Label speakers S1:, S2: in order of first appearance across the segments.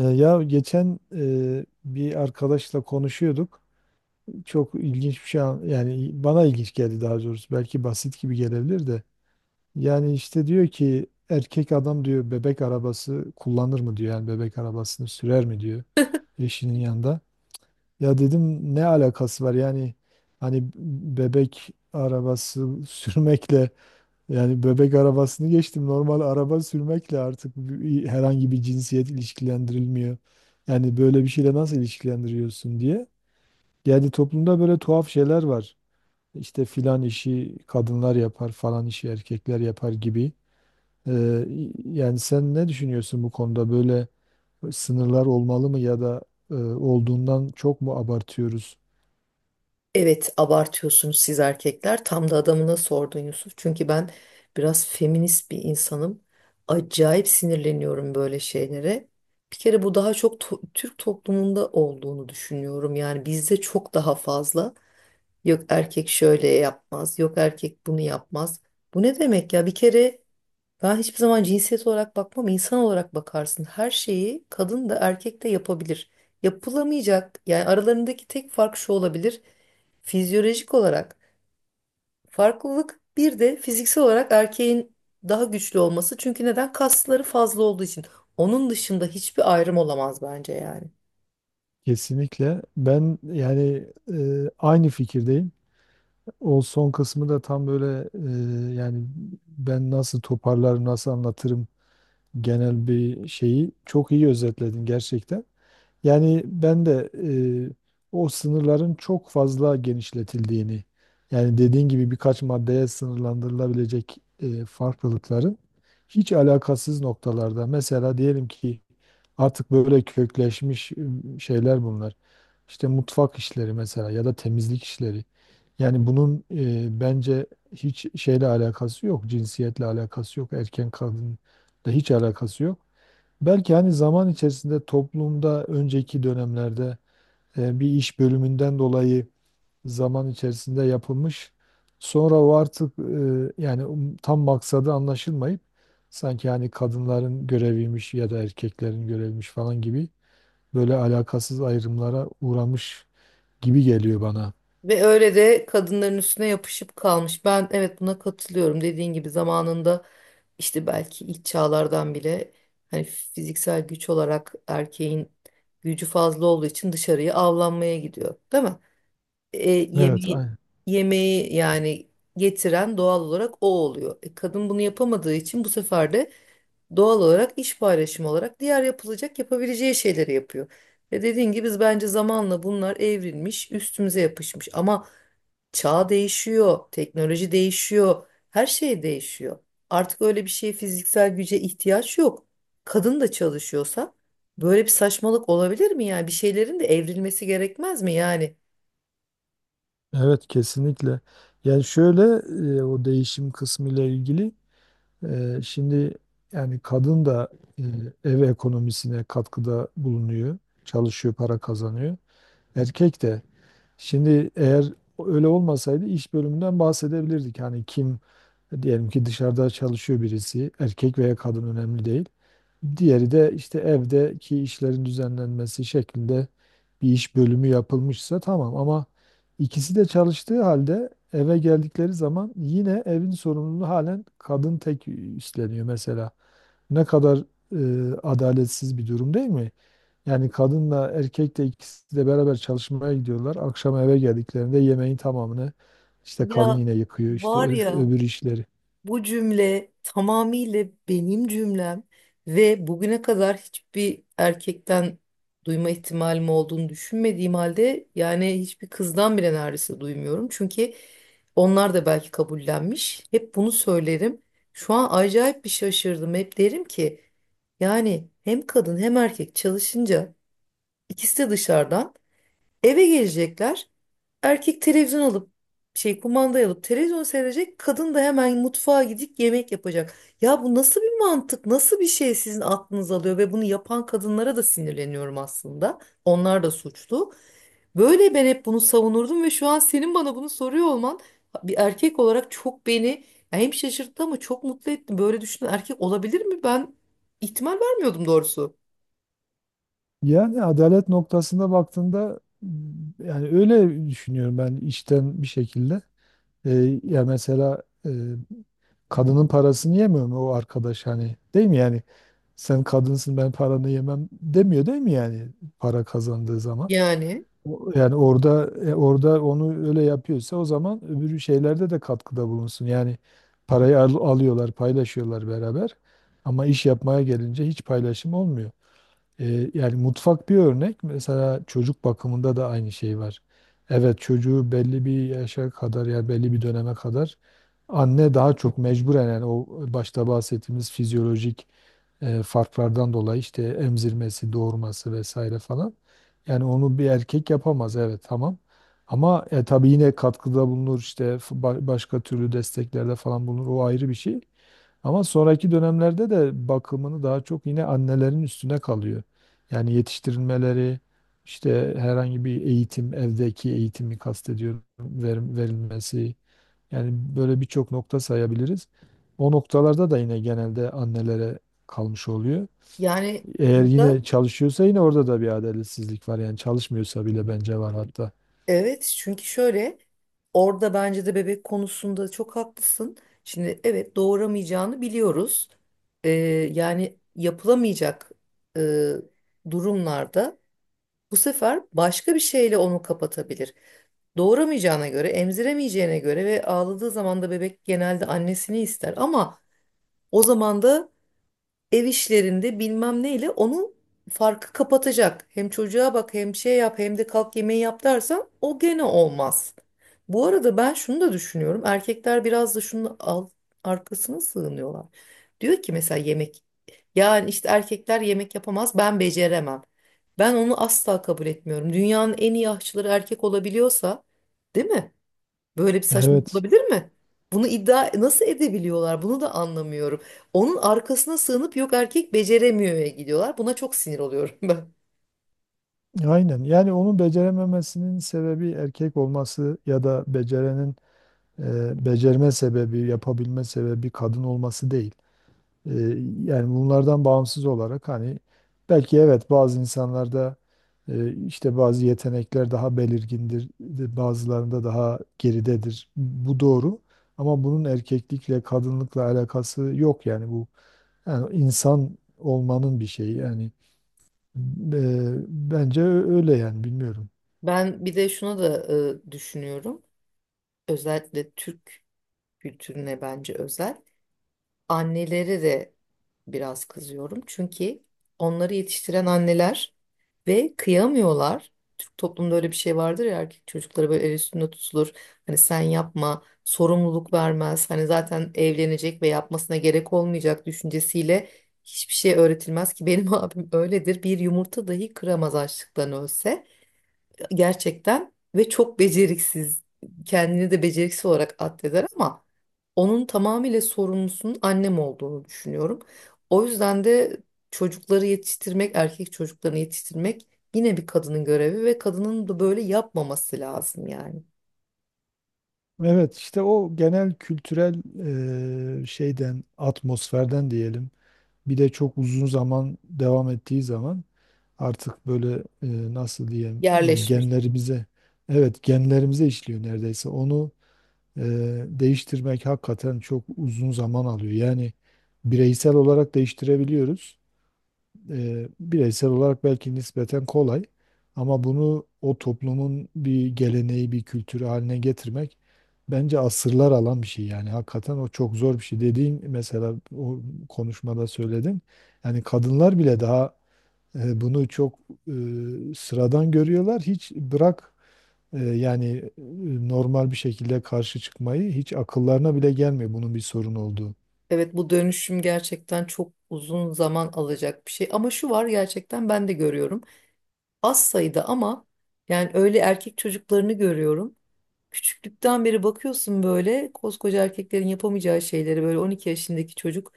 S1: Ya geçen bir arkadaşla konuşuyorduk. Çok ilginç bir şey yani bana ilginç geldi daha doğrusu. Belki basit gibi gelebilir de. Yani işte diyor ki erkek adam diyor bebek arabası kullanır mı diyor. Yani bebek arabasını sürer mi diyor eşinin yanında. Ya dedim ne alakası var yani hani bebek arabası sürmekle yani bebek arabasını geçtim. Normal araba sürmekle artık herhangi bir cinsiyet ilişkilendirilmiyor. Yani böyle bir şeyle nasıl ilişkilendiriyorsun diye. Yani toplumda böyle tuhaf şeyler var. İşte filan işi kadınlar yapar, falan işi erkekler yapar gibi. Ee, yani sen ne düşünüyorsun bu konuda? Böyle sınırlar olmalı mı, ya da olduğundan çok mu abartıyoruz?
S2: Evet abartıyorsunuz siz erkekler. Tam da adamına sordun Yusuf. Çünkü ben biraz feminist bir insanım. Acayip sinirleniyorum böyle şeylere. Bir kere bu daha çok Türk toplumunda olduğunu düşünüyorum. Yani bizde çok daha fazla. Yok erkek şöyle yapmaz, yok erkek bunu yapmaz. Bu ne demek ya? Bir kere ben hiçbir zaman cinsiyet olarak bakmam, insan olarak bakarsın. Her şeyi kadın da erkek de yapabilir. Yapılamayacak, yani aralarındaki tek fark şu olabilir. Fizyolojik olarak farklılık bir de fiziksel olarak erkeğin daha güçlü olması. Çünkü neden? Kasları fazla olduğu için. Onun dışında hiçbir ayrım olamaz bence yani.
S1: Kesinlikle. Ben yani aynı fikirdeyim. O son kısmı da tam böyle yani ben nasıl toparlarım, nasıl anlatırım, genel bir şeyi çok iyi özetledin gerçekten. Yani ben de e, o sınırların çok fazla genişletildiğini, yani dediğin gibi birkaç maddeye sınırlandırılabilecek farklılıkların hiç alakasız noktalarda, mesela diyelim ki artık böyle kökleşmiş şeyler bunlar. İşte mutfak işleri mesela ya da temizlik işleri. Yani bunun bence hiç şeyle alakası yok, cinsiyetle alakası yok, erken kadınla hiç alakası yok. Belki hani zaman içerisinde toplumda önceki dönemlerde bir iş bölümünden dolayı zaman içerisinde yapılmış. Sonra o artık yani tam maksadı anlaşılmayıp sanki hani kadınların göreviymiş ya da erkeklerin göreviymiş falan gibi böyle alakasız ayrımlara uğramış gibi geliyor bana.
S2: Ve öyle de kadınların üstüne yapışıp kalmış. Ben evet buna katılıyorum. Dediğin gibi zamanında işte belki ilk çağlardan bile hani fiziksel güç olarak erkeğin gücü fazla olduğu için dışarıya avlanmaya gidiyor, değil mi?
S1: Evet,
S2: Yemeği,
S1: aynen.
S2: yemeği yani getiren doğal olarak o oluyor. Kadın bunu yapamadığı için bu sefer de doğal olarak iş paylaşımı olarak diğer yapılacak yapabileceği şeyleri yapıyor. Ve dediğin gibi biz bence zamanla bunlar evrilmiş, üstümüze yapışmış. Ama çağ değişiyor, teknoloji değişiyor, her şey değişiyor. Artık öyle bir şeye fiziksel güce ihtiyaç yok. Kadın da çalışıyorsa böyle bir saçmalık olabilir mi yani? Bir şeylerin de evrilmesi gerekmez mi yani?
S1: Evet, kesinlikle. Yani şöyle o değişim kısmıyla ilgili şimdi yani kadın da eee, ev ekonomisine katkıda bulunuyor, çalışıyor, para kazanıyor. Erkek de. Şimdi eğer öyle olmasaydı iş bölümünden bahsedebilirdik. Hani kim, diyelim ki dışarıda çalışıyor birisi, erkek veya kadın önemli değil. Diğeri de işte evdeki işlerin düzenlenmesi şeklinde bir iş bölümü yapılmışsa tamam ama ikisi de çalıştığı halde eve geldikleri zaman yine evin sorumluluğu halen kadın tek üstleniyor mesela. Ne kadar adaletsiz bir durum değil mi? Yani kadınla erkek de ikisi de beraber çalışmaya gidiyorlar. Akşam eve geldiklerinde yemeğin tamamını işte kadın
S2: Ya
S1: yine yıkıyor, işte
S2: var ya
S1: öbür işleri.
S2: bu cümle tamamıyla benim cümlem ve bugüne kadar hiçbir erkekten duyma ihtimalim olduğunu düşünmediğim halde yani hiçbir kızdan bile neredeyse duymuyorum. Çünkü onlar da belki kabullenmiş. Hep bunu söylerim. Şu an acayip bir şaşırdım. Hep derim ki yani hem kadın hem erkek çalışınca ikisi de dışarıdan eve gelecekler. Erkek televizyon alıp şey kumandayı alıp televizyon seyredecek. Kadın da hemen mutfağa gidip yemek yapacak. Ya bu nasıl bir mantık? Nasıl bir şey sizin aklınız alıyor ve bunu yapan kadınlara da sinirleniyorum aslında. Onlar da suçlu. Böyle ben hep bunu savunurdum ve şu an senin bana bunu soruyor olman bir erkek olarak çok beni ya hem şaşırttı ama çok mutlu etti. Böyle düşünen erkek olabilir mi? Ben ihtimal vermiyordum doğrusu.
S1: Yani adalet noktasında baktığında yani öyle düşünüyorum ben içten bir şekilde. Ya mesela kadının parasını yemiyor mu o arkadaş, hani değil mi yani, sen kadınsın ben paranı yemem demiyor değil mi yani, para kazandığı zaman.
S2: Yani
S1: Yani orada orada onu öyle yapıyorsa o zaman öbür şeylerde de katkıda bulunsun. Yani parayı alıyorlar, paylaşıyorlar beraber, ama iş yapmaya gelince hiç paylaşım olmuyor. Yani mutfak bir örnek. Mesela çocuk bakımında da aynı şey var. Evet, çocuğu belli bir yaşa kadar, ya belli bir döneme kadar, anne daha çok mecburen, yani o başta bahsettiğimiz fizyolojik farklardan dolayı işte emzirmesi, doğurması vesaire falan. Yani onu bir erkek yapamaz, evet, tamam. Ama tabii yine katkıda bulunur, işte başka türlü desteklerde falan bulunur, o ayrı bir şey. Ama sonraki dönemlerde de bakımını daha çok yine annelerin üstüne kalıyor. Yani yetiştirilmeleri, işte herhangi bir eğitim, evdeki eğitimi kastediyorum, verilmesi. Yani böyle birçok nokta sayabiliriz. O noktalarda da yine genelde annelere kalmış oluyor.
S2: yani
S1: Eğer
S2: burada
S1: yine çalışıyorsa yine orada da bir adaletsizlik var. Yani çalışmıyorsa bile bence var hatta.
S2: Evet çünkü şöyle orada bence de bebek konusunda çok haklısın. Şimdi evet doğuramayacağını biliyoruz. Ee, Yani yapılamayacak e, durumlarda bu sefer başka bir şeyle onu kapatabilir. Doğuramayacağına göre, emziremeyeceğine göre ve ağladığı zaman da bebek genelde annesini ister ama o zaman da ev işlerinde bilmem neyle onu farkı kapatacak. Hem çocuğa bak hem şey yap hem de kalk yemeği yap dersen o gene olmaz. Bu arada ben şunu da düşünüyorum. Erkekler biraz da şunun al, arkasına sığınıyorlar. Diyor ki mesela yemek. Yani işte erkekler yemek yapamaz ben beceremem. Ben onu asla kabul etmiyorum. Dünyanın en iyi aşçıları erkek olabiliyorsa, değil mi? Böyle bir saçmalık
S1: Evet,
S2: olabilir mi? Bunu iddia nasıl edebiliyorlar? Bunu da anlamıyorum. Onun arkasına sığınıp yok erkek beceremiyor'ya gidiyorlar. Buna çok sinir oluyorum ben.
S1: aynen. Yani onun becerememesinin sebebi erkek olması ya da becerenin becerme sebebi, yapabilme sebebi kadın olması değil. E, yani bunlardan bağımsız olarak hani belki evet bazı insanlarda işte bazı yetenekler daha belirgindir, bazılarında daha geridedir. Bu doğru. Ama bunun erkeklikle, kadınlıkla alakası yok, yani bu yani insan olmanın bir şeyi yani e, bence öyle yani, bilmiyorum.
S2: Ben bir de şuna da düşünüyorum. Özellikle Türk kültürüne bence özel. Anneleri de biraz kızıyorum. Çünkü onları yetiştiren anneler ve kıyamıyorlar. Türk toplumunda öyle bir şey vardır ya erkek çocukları böyle el üstünde tutulur. Hani sen yapma, sorumluluk vermez. Hani zaten evlenecek ve yapmasına gerek olmayacak düşüncesiyle hiçbir şey öğretilmez ki benim abim öyledir. Bir yumurta dahi kıramaz açlıktan ölse gerçekten ve çok beceriksiz. Kendini de beceriksiz olarak addeder ama onun tamamıyla sorumlusunun annem olduğunu düşünüyorum. O yüzden de çocukları yetiştirmek, erkek çocuklarını yetiştirmek yine bir kadının görevi ve kadının da böyle yapmaması lazım yani.
S1: Evet, işte o genel kültürel şeyden, atmosferden diyelim. Bir de çok uzun zaman devam ettiği zaman artık böyle nasıl diyeyim, ya
S2: Yerleşmiş.
S1: genlerimize, evet, genlerimize işliyor neredeyse. Onu e, değiştirmek hakikaten çok uzun zaman alıyor. Yani bireysel olarak değiştirebiliyoruz, bireysel olarak belki nispeten kolay, ama bunu o toplumun bir geleneği, bir kültürü haline getirmek bence asırlar alan bir şey yani. Hakikaten o çok zor bir şey. Dediğin mesela o konuşmada söyledin. Yani kadınlar bile daha bunu çok sıradan görüyorlar. Hiç bırak e, yani normal bir şekilde karşı çıkmayı hiç akıllarına bile gelmiyor bunun bir sorun olduğu.
S2: Evet bu dönüşüm gerçekten çok uzun zaman alacak bir şey ama şu var gerçekten ben de görüyorum. Az sayıda ama yani öyle erkek çocuklarını görüyorum. Küçüklükten beri bakıyorsun böyle koskoca erkeklerin yapamayacağı şeyleri böyle 12 yaşındaki çocuk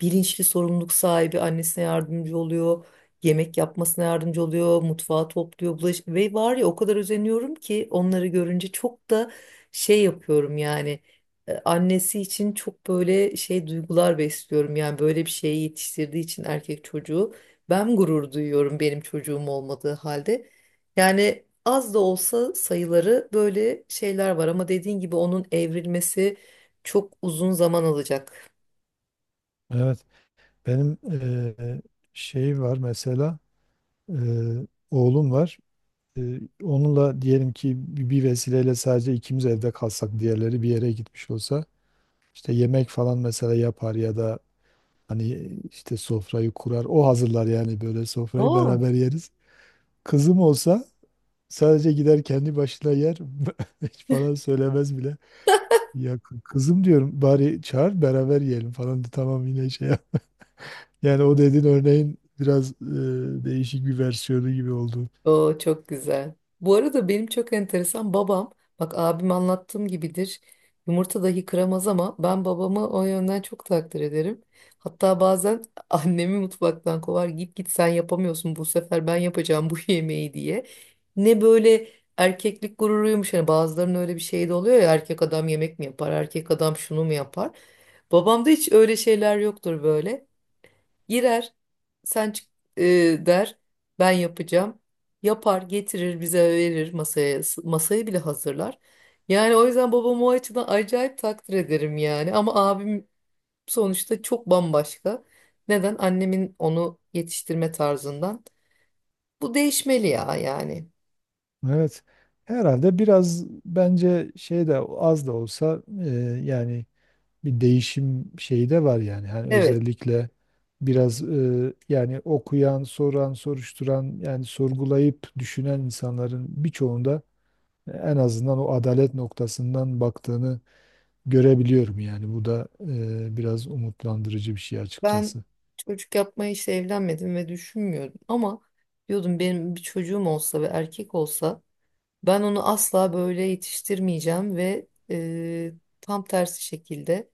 S2: bilinçli sorumluluk sahibi annesine yardımcı oluyor. Yemek yapmasına yardımcı oluyor, mutfağı topluyor, bulaş ve var ya o kadar özeniyorum ki onları görünce çok da şey yapıyorum yani annesi için çok böyle şey duygular besliyorum yani böyle bir şeyi yetiştirdiği için erkek çocuğu ben gurur duyuyorum benim çocuğum olmadığı halde. Yani az da olsa sayıları böyle şeyler var ama dediğin gibi onun evrilmesi çok uzun zaman alacak.
S1: Evet, benim şey var mesela. Ee, oğlum var. Onunla diyelim ki bir vesileyle sadece ikimiz evde kalsak, diğerleri bir yere gitmiş olsa, işte yemek falan mesela yapar ya da hani işte sofrayı kurar. O hazırlar, yani böyle sofrayı
S2: Oo.
S1: beraber yeriz. Kızım olsa sadece gider kendi başına yer. Hiç falan söylemez bile. Ya kızım diyorum bari çağır beraber yiyelim falan da tamam yine şey yap. Yani o dediğin örneğin biraz değişik bir versiyonu gibi oldu.
S2: Oo çok güzel. Bu arada benim çok enteresan babam, bak abim anlattığım gibidir. Yumurta dahi kıramaz ama ben babamı o yönden çok takdir ederim. Hatta bazen annemi mutfaktan kovar git git sen yapamıyorsun bu sefer ben yapacağım bu yemeği diye. Ne böyle erkeklik gururuymuş hani bazılarının öyle bir şeyi de oluyor ya erkek adam yemek mi yapar erkek adam şunu mu yapar. Babamda hiç öyle şeyler yoktur böyle. Girer, sen çık e, der, ben yapacağım. Yapar, getirir, bize verir masaya. Masayı bile hazırlar. Yani o yüzden babamı o açıdan acayip takdir ederim yani. Ama abim sonuçta çok bambaşka. Neden? Annemin onu yetiştirme tarzından. Bu değişmeli ya yani.
S1: Evet. Herhalde biraz bence şey de az da olsa yani bir değişim şeyi de var yani. Hani
S2: Evet,
S1: özellikle biraz yani okuyan, soran, soruşturan, yani sorgulayıp düşünen insanların birçoğunda en azından o adalet noktasından baktığını görebiliyorum yani. Bu da biraz umutlandırıcı bir şey
S2: ben
S1: açıkçası.
S2: çocuk yapmaya işte evlenmedim ve düşünmüyordum. Ama diyordum benim bir çocuğum olsa ve erkek olsa ben onu asla böyle yetiştirmeyeceğim ve tam tersi şekilde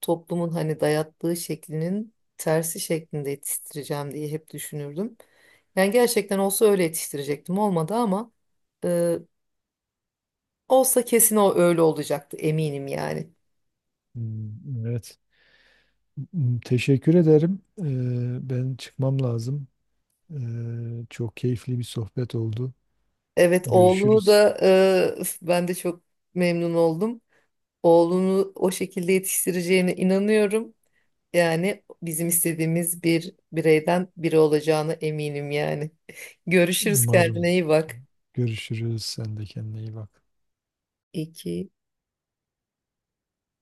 S2: toplumun hani dayattığı şeklinin tersi şeklinde yetiştireceğim diye hep düşünürdüm. Yani gerçekten olsa öyle yetiştirecektim olmadı ama e, olsa kesin o öyle olacaktı eminim yani.
S1: Hmm. Evet. Teşekkür ederim. Ben çıkmam lazım. Çok keyifli bir sohbet oldu.
S2: Evet oğlunu
S1: Görüşürüz.
S2: da ben de çok memnun oldum. Oğlunu o şekilde yetiştireceğine inanıyorum. Yani bizim istediğimiz bir bireyden biri olacağına eminim yani. Görüşürüz kendine
S1: Umarım
S2: iyi bak.
S1: görüşürüz. Sen de kendine iyi bak.